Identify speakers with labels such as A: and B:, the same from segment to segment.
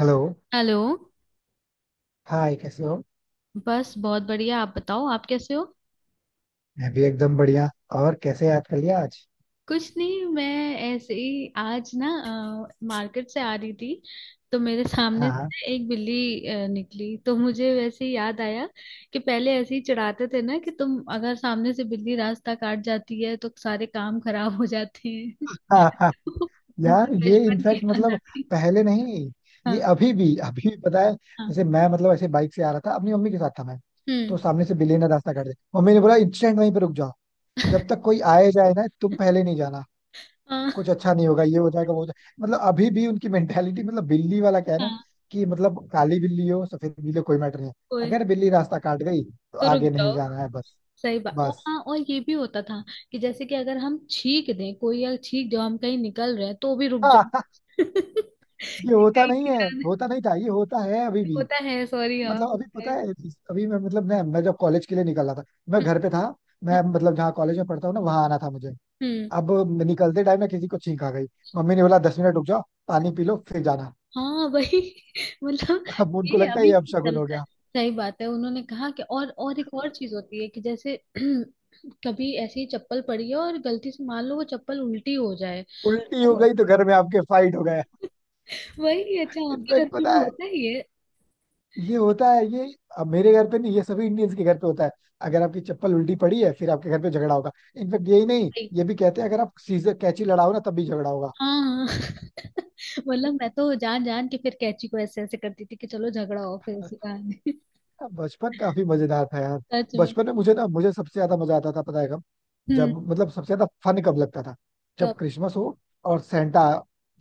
A: Hello.
B: Hello.
A: Hi, कैसे हो।
B: बस बहुत बढ़िया, आप बताओ आप कैसे हो।
A: मैं भी एकदम बढ़िया। और कैसे याद कर लिया आज।
B: कुछ नहीं, मैं ऐसे ही आज ना मार्केट से आ रही थी तो मेरे सामने से
A: हाँ,
B: ना एक बिल्ली निकली तो मुझे वैसे ही याद आया कि पहले ऐसे ही चिढ़ाते थे ना कि तुम अगर सामने से बिल्ली रास्ता काट जाती है तो सारे काम खराब हो जाते हैं।
A: हाँ, हाँ।
B: तो
A: यार,
B: मुझे
A: ये
B: बचपन की
A: इनफैक्ट
B: याद आ
A: मतलब
B: गई।
A: पहले नहीं। ये
B: हाँ।
A: अभी भी पता है।
B: हाँ।
A: जैसे मैं मतलब ऐसे बाइक से आ रहा था, अपनी मम्मी के साथ था मैं।
B: हम्म।
A: तो सामने से बिल्ली ने रास्ता काट दिया। मम्मी ने बोला, इंस्टेंट वहीं पे रुक जाओ। जब तक कोई आए जाए ना, तुम पहले नहीं जाना।
B: हाँ।
A: कुछ अच्छा नहीं होगा, ये हो जाएगा, वो हो जाएगा। मतलब अभी भी उनकी मेंटेलिटी, मतलब बिल्ली वाला क्या है ना। कि मतलब काली बिल्ली हो, सफेद बिल्ली हो, कोई मैटर नहीं है।
B: हाँ।
A: अगर बिल्ली रास्ता काट गई तो
B: तो रुक
A: आगे नहीं
B: जाओ।
A: जाना है, बस।
B: सही बात। और
A: बस।
B: हाँ, और ये भी होता था कि जैसे कि अगर हम छींक दें, कोई अगर छींक जाओ हम कहीं निकल रहे हैं तो भी रुक
A: हाँ।
B: जाओ।
A: ये होता
B: कहीं
A: नहीं
B: नहीं
A: है,
B: जाने।
A: होता नहीं था? ये होता है अभी भी।
B: होता है, सॉरी, हाँ
A: मतलब अभी
B: होता
A: पता
B: है।
A: है। अभी मैं मतलब मैं जब कॉलेज के लिए निकल रहा था, मैं
B: हम्म,
A: घर पे था।
B: हम्म,
A: मैं मतलब जहाँ कॉलेज में पढ़ता हूँ ना, वहां आना था मुझे।
B: हम्म।
A: अब निकलते टाइम मैं किसी को छींक आ गई। मम्मी ने बोला, 10 मिनट रुक जाओ। पानी पी लो फिर जाना।
B: हाँ वही। मतलब,
A: अब उनको
B: ये
A: लगता है
B: अभी
A: ये
B: भी
A: अपशगुन हो
B: चलता है।
A: गया।
B: सही बात है। उन्होंने कहा कि और एक और चीज होती है कि जैसे कभी ऐसी चप्पल पड़ी है और गलती से मान लो वो चप्पल उल्टी हो जाए।
A: उल्टी हो
B: अब
A: गई तो घर में आपके फाइट हो गया।
B: वही अच्छा आपके घर
A: इनफेक्ट
B: पे भी
A: पता है,
B: होता ही है।
A: ये होता है ये। अब मेरे घर पे नहीं, ये सभी इंडियंस के घर पे होता है। अगर आपकी चप्पल उल्टी पड़ी है, फिर आपके घर पे झगड़ा होगा। इनफेक्ट यही नहीं, ये भी कहते हैं अगर आप सीजर कैची लड़ाओ ना, तब भी झगड़ा होगा।
B: हाँ। मतलब मैं तो जान जान के फिर कैची को ऐसे ऐसे करती थी कि चलो झगड़ा हो फिर इसी बहाने।
A: हाँ, बचपन काफी मजेदार था यार।
B: सच में।
A: बचपन में मुझे सबसे ज्यादा मजा आता था, पता है कब?
B: हम्म।
A: जब मतलब सबसे ज्यादा फन कब लगता था? जब
B: कब?
A: क्रिसमस हो और सेंटा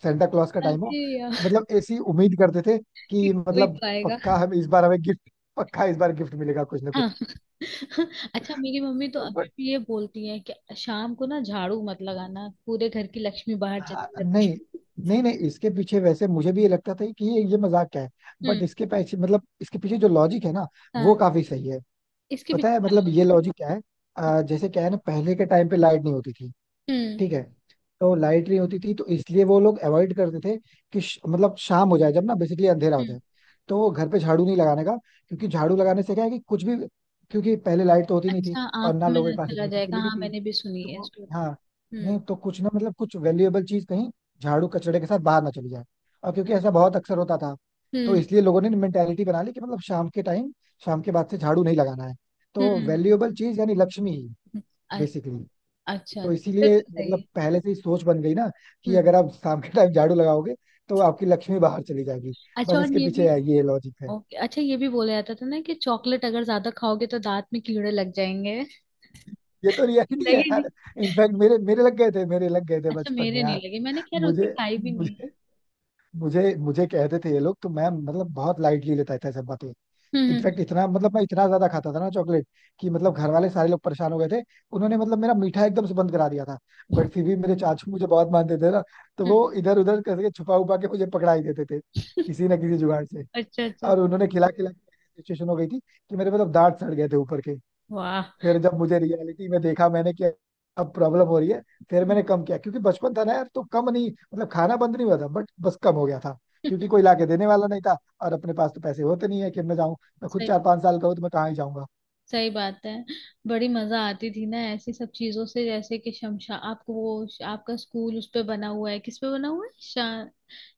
A: सेंटा क्लॉज का टाइम हो।
B: अरे यार।
A: मतलब ऐसी उम्मीद करते थे,
B: कि
A: कि
B: कोई
A: मतलब
B: तो आएगा।
A: पक्का, हम इस बार हमें गिफ्ट, पक्का इस बार गिफ्ट मिलेगा कुछ ना
B: हाँ।
A: कुछ।
B: अच्छा, मेरी मम्मी तो अभी
A: बट
B: भी ये बोलती है कि शाम को ना झाड़ू मत लगाना, पूरे घर की लक्ष्मी बाहर चली
A: हाँ,
B: जाती
A: नहीं,
B: है।
A: नहीं, नहीं, इसके पीछे वैसे मुझे भी ये लगता था कि ये मजाक क्या है।
B: हम्म।
A: बट इसके पीछे, मतलब इसके पीछे जो लॉजिक है ना, वो
B: हाँ।
A: काफी सही है।
B: इसके भी
A: पता है
B: ख्याल
A: मतलब
B: होता
A: ये लॉजिक क्या है?
B: है।
A: जैसे क्या है ना, पहले के टाइम पे लाइट नहीं होती थी।
B: हम्म,
A: ठीक है। तो लाइट नहीं होती थी, तो इसलिए वो लोग अवॉइड करते थे। कि मतलब शाम हो जाए जब, ना बेसिकली अंधेरा हो
B: हम्म।
A: जाए। तो वो घर पे झाड़ू नहीं लगाने का। क्योंकि झाड़ू लगाने से क्या है कि कुछ भी। क्योंकि पहले लाइट तो होती नहीं थी,
B: अच्छा
A: और ना
B: आंखों में
A: लोगों
B: ना
A: के पास
B: चला
A: इतनी
B: जाएगा,
A: फैसिलिटी
B: हाँ
A: थी।
B: मैंने भी सुनी है
A: हाँ।
B: स्टोरी। हम्म,
A: नहीं तो कुछ ना, मतलब कुछ वैल्यूएबल चीज कहीं झाड़ू कचड़े के साथ बाहर ना चली जाए। और क्योंकि ऐसा बहुत अक्सर होता था, तो
B: हम्म,
A: इसलिए लोगों ने मेंटेलिटी बना ली कि मतलब शाम के बाद से झाड़ू नहीं लगाना है। तो
B: हम्म,
A: वैल्यूएबल चीज यानी लक्ष्मी,
B: हम्म। अ-
A: बेसिकली।
B: अच्छा
A: तो
B: फिर
A: इसीलिए
B: तो सही
A: मतलब पहले से ही सोच बन गई ना,
B: है।
A: कि अगर आप शाम के टाइम झाड़ू लगाओगे तो आपकी लक्ष्मी बाहर चली जाएगी।
B: अच्छा
A: बस
B: और
A: इसके
B: ये भी।
A: पीछे है, ये लॉजिक है।
B: ओके, अच्छा ये भी बोला जाता था ना कि चॉकलेट अगर ज्यादा खाओगे तो दांत में कीड़े लग जाएंगे।
A: ये तो रियलिटी है
B: लगे नहीं?
A: यार। इनफैक्ट मेरे मेरे लग गए थे मेरे लग गए थे
B: अच्छा
A: बचपन में
B: मेरे
A: यार।
B: नहीं लगे, मैंने खैर उतनी
A: मुझे
B: खाई भी नहीं
A: मुझे
B: है।
A: मुझे मुझे कहते थे ये लोग, तो मैं मतलब बहुत लाइटली लेता था सब बातें।
B: हम्म,
A: इनफैक्ट इतना, मतलब मैं इतना ज्यादा खाता था ना चॉकलेट, कि मतलब घर वाले सारे लोग परेशान हो गए थे। उन्होंने मतलब मेरा मीठा एकदम से बंद करा दिया था। बट फिर भी मेरे चाचू मुझे बहुत मानते थे ना, तो
B: हम्म,
A: वो इधर उधर करके छुपा उपा के मुझे पकड़ा ही देते थे,
B: हम्म।
A: किसी ना किसी जुगाड़ से।
B: अच्छा अच्छा।
A: और उन्होंने खिला खिला के ऐसी सिचुएशन हो गई थी कि मेरे मतलब दांत सड़ गए थे ऊपर के।
B: वाह।
A: फिर जब मुझे रियलिटी में देखा मैंने कि अब प्रॉब्लम हो रही है, फिर
B: हम्म।
A: मैंने कम किया। क्योंकि बचपन था ना यार, तो कम नहीं, मतलब खाना बंद नहीं हुआ था, बट बस कम हो गया था। क्योंकि कोई लाके देने वाला नहीं था, और अपने पास तो पैसे होते नहीं है कि मैं जाऊं। मैं खुद
B: सही
A: चार
B: बात,
A: पांच साल का हूं, तो मैं कहाँ ही जाऊंगा।
B: सही बात है। बड़ी मजा आती थी ना ऐसी सब चीजों से, जैसे कि शमशा आपको वो आपका स्कूल उस पे बना हुआ है, किस पे बना हुआ है?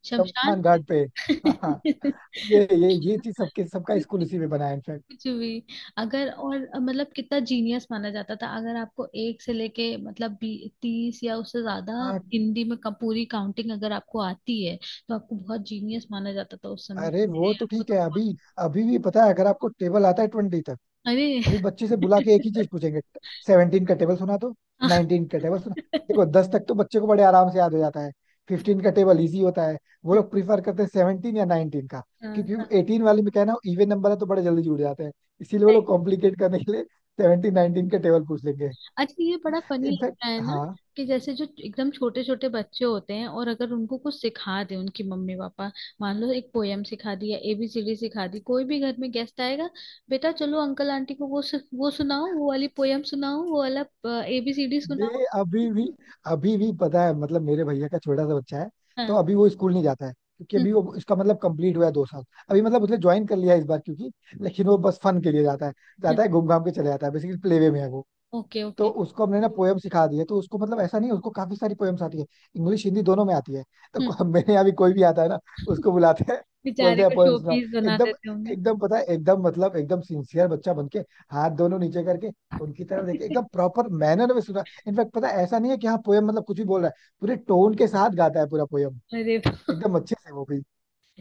B: शमशान
A: शमशान
B: पे।
A: घाट पे। हाँ। ये चीज सबके, सबका स्कूल इसी में बना है इनफैक्ट।
B: कुछ भी। अगर और मतलब कितना जीनियस माना जाता था अगर आपको एक से लेके मतलब बी 30 या उससे ज्यादा
A: हाँ।
B: हिंदी में पूरी काउंटिंग अगर आपको आती है तो आपको बहुत जीनियस माना जाता था उस समय।
A: अरे
B: अरे,
A: वो तो
B: आपको
A: ठीक
B: तो
A: है अभी।
B: बहुत।
A: अभी भी पता है, अगर आपको टेबल आता है 20।
B: अरे।
A: अभी बच्चे से बुला के एक ही चीज पूछेंगे, 17 का टेबल सुना तो?
B: हाँ।
A: 19 का टेबल सुना? देखो, 10 तक तो बच्चे को बड़े आराम से याद हो जाता है। 15 का टेबल इजी होता है। वो लोग प्रीफर करते हैं 17 या 19 का।
B: हाँ, हाँ।
A: क्योंकि 18 वाले में कहना इवन नंबर है, तो बड़े जल्दी जुड़ जाते हैं। इसीलिए वो लोग कॉम्प्लिकेट करने के लिए 17, 19 का टेबल पूछ लेंगे।
B: अच्छा ये बड़ा फनी
A: इनफैक्ट।
B: लगता है ना
A: हाँ।
B: कि जैसे जो एकदम छोटे छोटे बच्चे होते हैं, और अगर उनको कुछ सिखा दे उनकी मम्मी पापा, मान लो एक पोयम सिखा दी या एबीसीडी सिखा दी, कोई भी घर में गेस्ट आएगा, बेटा चलो अंकल आंटी को वो सुनाओ, वो वाली पोयम सुनाओ, वो वाला एबीसीडी सुनाओ।
A: ये अभी भी पता है, मतलब मेरे भैया का छोटा सा बच्चा है। तो
B: हाँ।
A: अभी वो स्कूल नहीं जाता है, क्योंकि अभी वो इसका मतलब कंप्लीट हुआ है 2 साल। अभी मतलब उसने ज्वाइन कर लिया है इस बार, क्योंकि लेकिन वो बस फन के लिए जाता है। जाता है, घूम घाम के चले जाता है, बेसिकली प्ले वे में है वो।
B: ओके,
A: तो
B: ओके।
A: उसको हमने ना पोएम सिखा दी है, तो उसको मतलब ऐसा नहीं है, उसको काफी सारी पोएम्स आती है। इंग्लिश हिंदी दोनों में आती है। मेरे यहाँ भी कोई भी आता है ना, उसको बुलाते हैं,
B: बेचारे
A: बोलते हैं
B: को
A: पोएम
B: शो
A: सुनाओ।
B: पीस बना
A: एकदम।
B: देते होंगे।
A: एकदम, पता है, एकदम मतलब एकदम सिंसियर बच्चा बन के, हाथ दोनों नीचे करके, उनकी तरफ देखे, एकदम प्रॉपर मैनर में सुना। इनफैक्ट पता है, ऐसा नहीं है कि हाँ, पोएम मतलब कुछ भी बोल रहा है। पूरे टोन के साथ गाता है पूरा पोएम,
B: अरे
A: एकदम अच्छे से, वो भी।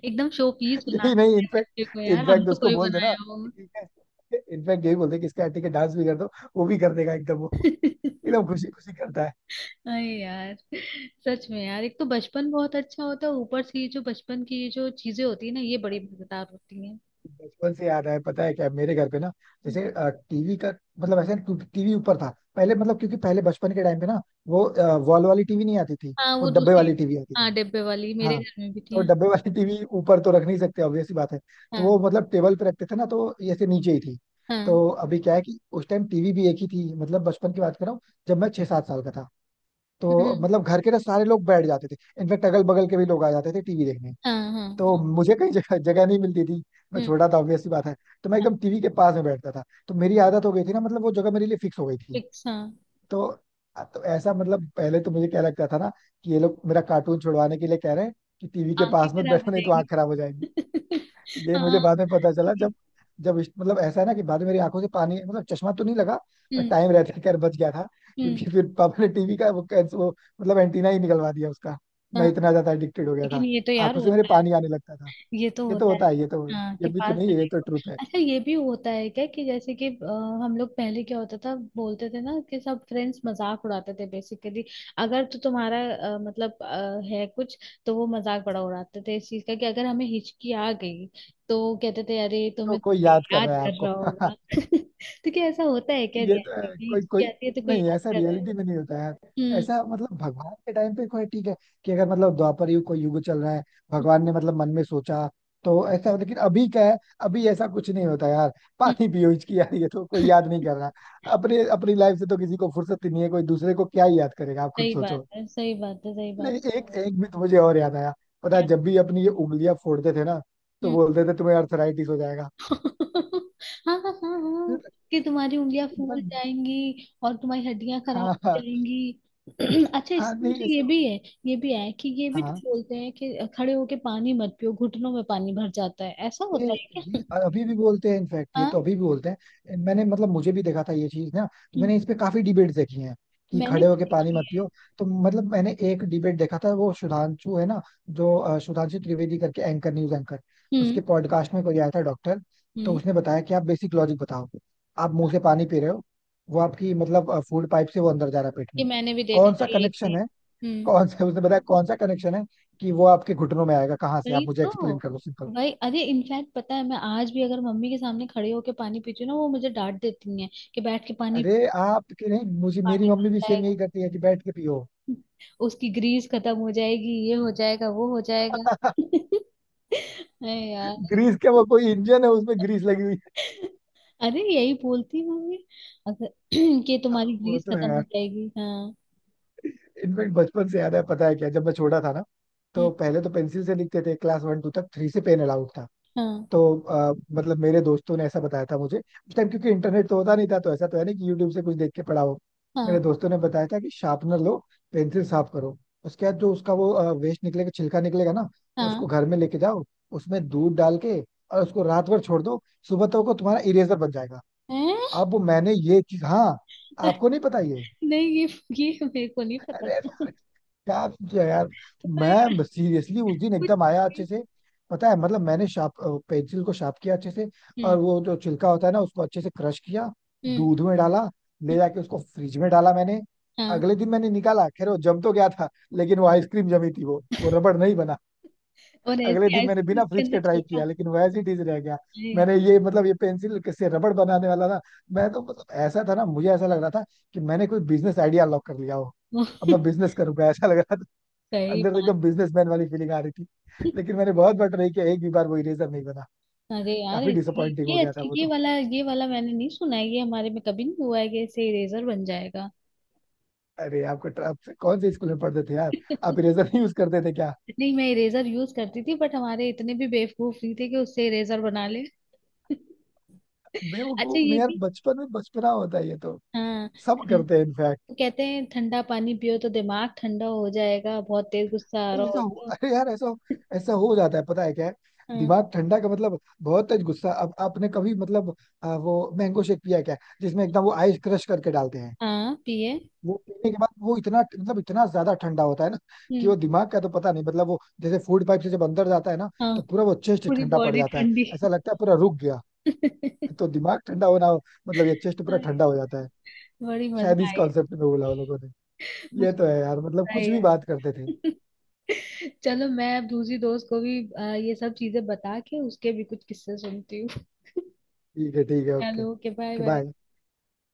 B: एकदम शो पीस बना
A: यही नहीं,
B: देते हैं बच्चे को
A: इनफैक्ट
B: यार, हम
A: इनफैक्ट
B: तो
A: उसको
B: कोई
A: बोल देना
B: बनाया
A: कि
B: होगा।
A: ठीक है। इनफैक्ट यही बोलते हैं कि इसका ठीक है, डांस भी कर दो। वो भी कर देगा, एकदम वो। एकदम खुशी खुशी करता है।
B: अरे यार। सच में यार, एक तो बचपन बहुत अच्छा होता है, ऊपर से ये जो बचपन की ये जो चीजें होती है ना, ये बड़ी मजेदार होती हैं।
A: बचपन से याद है, पता है क्या, मेरे घर पे ना,
B: हम्म।
A: जैसे टीवी का, मतलब ऐसे टीवी ऊपर था। पहले मतलब, क्योंकि पहले बचपन के टाइम पे ना, वो वॉल वाली टीवी नहीं आती थी।
B: हाँ
A: वो
B: वो
A: डब्बे
B: दूसरी।
A: वाली टीवी आती
B: हाँ
A: थी।
B: डिब्बे वाली, मेरे
A: हाँ।
B: घर में भी थी।
A: तो
B: हाँ।
A: डब्बे वाली टीवी ऊपर तो रख नहीं सकते, ऑब्वियस सी बात है। तो
B: हाँ।
A: वो मतलब टेबल पे रखते थे ना, तो ये ऐसे नीचे ही थी।
B: हाँ।
A: तो अभी क्या है कि उस टाइम टीवी भी एक ही थी, मतलब बचपन की बात कर रहा हूँ, जब मैं 6-7 साल का था। तो
B: हम्म।
A: मतलब घर के ना सारे लोग बैठ जाते थे। इनफेक्ट अगल बगल के भी लोग आ जाते थे टीवी देखने।
B: हाँ।
A: तो
B: हाँ।
A: मुझे कहीं जगह जगह नहीं मिलती थी, मैं
B: हम्म।
A: छोटा था, ऑब्वियस सी बात है। तो मैं एकदम टीवी के पास में बैठता था, तो मेरी आदत हो गई थी ना, मतलब वो जगह मेरे लिए फिक्स हो गई थी।
B: फिक्स, हाँ।
A: तो तो ऐसा मतलब, पहले तो मुझे क्या लगता था ना, कि ये लोग मेरा कार्टून छुड़वाने के लिए कह रहे हैं कि टीवी के
B: आंखें
A: पास मत
B: खराब हो
A: बैठो, नहीं तो
B: जाएंगी।
A: आंख खराब हो जाएगी। ये मुझे
B: हाँ।
A: बाद में पता चला, जब जब इस- मतलब ऐसा है ना कि बाद में मेरी आंखों से पानी, मतलब चश्मा तो नहीं लगा, पर
B: हम्म।
A: टाइम रहते खैर बच गया था। क्योंकि
B: हम्म।
A: फिर पापा ने टीवी का वो मतलब एंटीना ही निकलवा दिया उसका।
B: हाँ
A: मैं इतना ज्यादा एडिक्टेड हो गया
B: लेकिन
A: था,
B: ये तो यार
A: आंखों से मेरे
B: होता है,
A: पानी आने लगता था।
B: ये तो
A: ये तो
B: होता है।
A: होता है, ये तो।
B: हाँ
A: ये
B: कि
A: भी तो
B: पास
A: नहीं
B: से
A: है, ये तो
B: देखो।
A: ट्रुथ है।
B: अच्छा, ये भी होता है क्या कि जैसे कि हम लोग पहले क्या होता था बोलते थे ना कि सब फ्रेंड्स मजाक उड़ाते थे, बेसिकली अगर तो तुम्हारा मतलब है कुछ, तो वो मजाक बड़ा उड़ाते थे इस चीज का कि अगर हमें हिचकी आ गई तो कहते थे अरे
A: तो
B: तुम्हें
A: कोई
B: तो
A: याद कर
B: याद
A: रहा है
B: कर रहा
A: आपको।
B: होगा। तो क्या ऐसा होता है क्या,
A: ये तो
B: रियलिटी
A: है,
B: में
A: कोई
B: हिचकी
A: कोई।
B: आती है तो कोई
A: नहीं,
B: याद
A: ऐसा
B: कर रहा है?
A: रियलिटी में नहीं होता है।
B: हम्म।
A: ऐसा मतलब भगवान के टाइम पे कोई ठीक है, कि अगर मतलब द्वापर युग, कोई युग चल रहा है, भगवान ने मतलब मन में सोचा, तो ऐसा। लेकिन अभी क्या है, अभी ऐसा कुछ नहीं होता यार।
B: हम्म,
A: पानी पियो इसकी, यार ये तो कोई याद नहीं
B: हम्म।
A: कर रहा। अपने अपनी लाइफ से तो किसी को फुर्सत ही नहीं है, कोई दूसरे को क्या ही याद करेगा, आप खुद
B: सही बात
A: सोचो।
B: है, सही बात है, सही बात।
A: लेकिन एक, एक भी तो मुझे और याद आया। पता है, जब भी अपनी ये उंगलियां फोड़ते थे ना, तो
B: क्या?
A: बोलते थे तुम्हें अर्थराइटिस हो जाएगा।
B: हाँ, हाँ, हाँ, हाँ।
A: फिर
B: कि तुम्हारी उंगलियां फूल
A: बस-
B: जाएंगी और तुम्हारी हड्डियां खराब हो
A: हाँ, हाँ,
B: जाएंगी। अच्छा
A: हाँ।
B: इसमें
A: नहीं,
B: मुझे ये
A: ऐसे।
B: भी है। ये भी है कि, ये भी
A: हाँ।
B: तो बोलते हैं कि खड़े होके पानी मत पियो, घुटनों में पानी भर जाता है, ऐसा
A: ये
B: होता है
A: ये
B: क्या?
A: अभी भी बोलते हैं, इनफैक्ट ये तो
B: हाँ।
A: अभी भी बोलते हैं। मैंने मतलब मुझे भी देखा था ये चीज ना, तो
B: हम्म।
A: मैंने इस पे काफी डिबेट्स देखी हैं, कि
B: मैंने
A: खड़े
B: भी
A: होके पानी
B: देखी
A: मत
B: है।
A: पियो। तो मतलब मैंने एक डिबेट देखा था, वो सुधांशु है ना, जो सुधांशु त्रिवेदी करके एंकर, न्यूज एंकर, उसके
B: हम्म,
A: पॉडकास्ट में कोई आया था डॉक्टर। तो
B: हम्म।
A: उसने बताया कि आप बेसिक लॉजिक बताओ। आप मुंह से पानी पी रहे हो, वो आपकी मतलब फूड पाइप से वो अंदर जा रहा है पेट
B: ये
A: में।
B: मैंने भी देखा
A: कौन
B: था
A: सा
B: ये एक
A: कनेक्शन
B: दिन।
A: है?
B: हम्म।
A: कौन सा, उसने बताया कौन सा कनेक्शन है कि वो आपके घुटनों में आएगा? कहाँ से? आप
B: वही
A: मुझे
B: तो।
A: एक्सप्लेन करो, सिंपल।
B: वही, अरे इनफैक्ट पता है, मैं आज भी अगर मम्मी के सामने खड़े होके पानी पीती हूँ ना वो मुझे डांट देती है कि बैठ के पानी।
A: अरे आपके नहीं, मुझे मेरी
B: पानी
A: मम्मी भी सेम यही करती है कि बैठ के पियो।
B: उसकी ग्रीस खत्म हो जाएगी, ये हो जाएगा वो हो जाएगा। अरे यार।
A: ग्रीस क्या, वो कोई इंजन है उसमें ग्रीस लगी हुई है?
B: अरे यही बोलती होंगी अगर कि
A: हाँ,
B: तुम्हारी
A: वो
B: ग्रीस
A: तो है
B: खत्म हो
A: यार।
B: जाएगी, हाँ।
A: इनफेक्ट बचपन से याद है, पता है क्या, जब मैं छोटा था ना,
B: हम्म,
A: तो पहले तो पेंसिल से लिखते थे, क्लास वन टू तक, थ्री से पेन अलाउड था।
B: हाँ,
A: तो मतलब मेरे दोस्तों ने ऐसा बताया था मुझे उस टाइम, क्योंकि इंटरनेट तो होता नहीं था, तो ऐसा तो है नहीं कि यूट्यूब से कुछ देख के पढ़ा हो।
B: हाँ,
A: मेरे दोस्तों ने बताया था कि शार्पनर लो, पेंसिल साफ करो। उसके बाद जो उसका वो वेस्ट निकलेगा, छिलका निकलेगा ना, उसको
B: हाँ।
A: घर में लेके जाओ। उसमें दूध डाल के और उसको रात भर छोड़ दो, सुबह तक को तुम्हारा इरेजर बन जाएगा।
B: हैं?
A: अब मैंने ये चीज। हाँ, आपको नहीं पता ये?
B: नहीं ये, मेरे को नहीं पता,
A: अरे,
B: अरे
A: क्या जो यार।
B: यार,
A: मैं सीरियसली उस दिन
B: कुछ
A: एकदम आया
B: भी।
A: अच्छे से। पता है, मतलब मैंने शार्प पेंसिल को शार्प किया अच्छे से, और
B: हम्म,
A: वो जो छिलका होता है ना, उसको अच्छे से क्रश किया,
B: हम्म,
A: दूध में डाला, ले
B: हम्म।
A: जाके उसको फ्रिज में डाला मैंने।
B: हाँ
A: अगले दिन मैंने निकाला, खैर वो जम तो गया था, लेकिन वो आइसक्रीम जमी थी, वो रबड़ नहीं बना।
B: और
A: अगले
B: ऐसी
A: दिन मैंने
B: आइसक्रीम
A: बिना
B: इसके
A: फ्रिज
B: अंदर
A: के ट्राई किया,
B: छिलका।
A: लेकिन वो एज इट इज रह गया।
B: अरे
A: मैंने ये मतलब ये पेंसिल से रबड़ बनाने वाला ना, मैं तो मतलब ऐसा था ना, मुझे ऐसा लग रहा था कि मैंने कोई बिजनेस आइडिया लॉक कर लिया हो। अब
B: यार।
A: मैं बिजनेस करूंगा, ऐसा लग रहा था।
B: सही
A: अंदर से
B: बात।
A: एकदम बिजनेसमैन वाली फीलिंग आ रही थी। लेकिन मैंने बहुत बार ट्राई किया, एक भी बार वो इरेजर नहीं बना।
B: अरे यार
A: काफी डिसअपॉइंटिंग हो
B: ये
A: गया था
B: अच्छा
A: वो तो।
B: ये वाला मैंने नहीं सुना है, ये हमारे में कभी नहीं हुआ है कि इससे इरेजर बन जाएगा।
A: अरे आपको आप कौन से स्कूल में पढ़ते थे यार, आप इरेजर नहीं यूज करते थे क्या?
B: नहीं मैं इरेजर यूज करती थी बट हमारे इतने भी बेवकूफ नहीं थे कि उससे इरेजर बना ले। अच्छा
A: बेवकूफ
B: ये
A: नहीं यार,
B: भी।
A: बचपन में बचपना होता है ये तो,
B: हाँ।
A: सब
B: ठं-
A: करते हैं इनफैक्ट।
B: वो कहते हैं ठंडा पानी पियो तो दिमाग ठंडा हो जाएगा बहुत तेज गुस्सा आ रहा
A: नहीं,
B: हो तो।
A: अरे यार, ऐसा ऐसा हो जाता है, पता है क्या है।
B: हाँ।
A: दिमाग ठंडा का मतलब बहुत तेज गुस्सा। अब आपने कभी मतलब, वो मैंगो शेक पिया क्या, जिसमें एकदम वो आइस क्रश करके डालते हैं?
B: हाँ पिए।
A: वो पीने के बाद वो इतना, मतलब इतना ज्यादा ठंडा होता है ना, कि
B: हम्म।
A: वो दिमाग का तो पता नहीं, मतलब वो जैसे फूड पाइप से जब अंदर जाता है ना,
B: हाँ।
A: तो पूरा वो चेस्ट
B: पूरी
A: ठंडा पड़
B: बॉडी
A: जाता है।
B: ठंडी।
A: ऐसा लगता है पूरा रुक गया। तो दिमाग ठंडा होना, मतलब ये चेस्ट पूरा ठंडा हो जाता है।
B: बड़ी
A: शायद
B: मजा
A: इस
B: आई है।
A: कॉन्सेप्ट में बोला उन लोगों ने। ये
B: मुझे
A: तो है यार, मतलब
B: मजा आई
A: कुछ भी बात करते थे।
B: है। चलो मैं अब दूसरी दोस्त को भी ये सब चीजें बता के उसके भी कुछ किस्से सुनती हूँ।
A: ठीक है, ठीक है, ओके,
B: चलो ओके, बाय बाय।
A: बाय।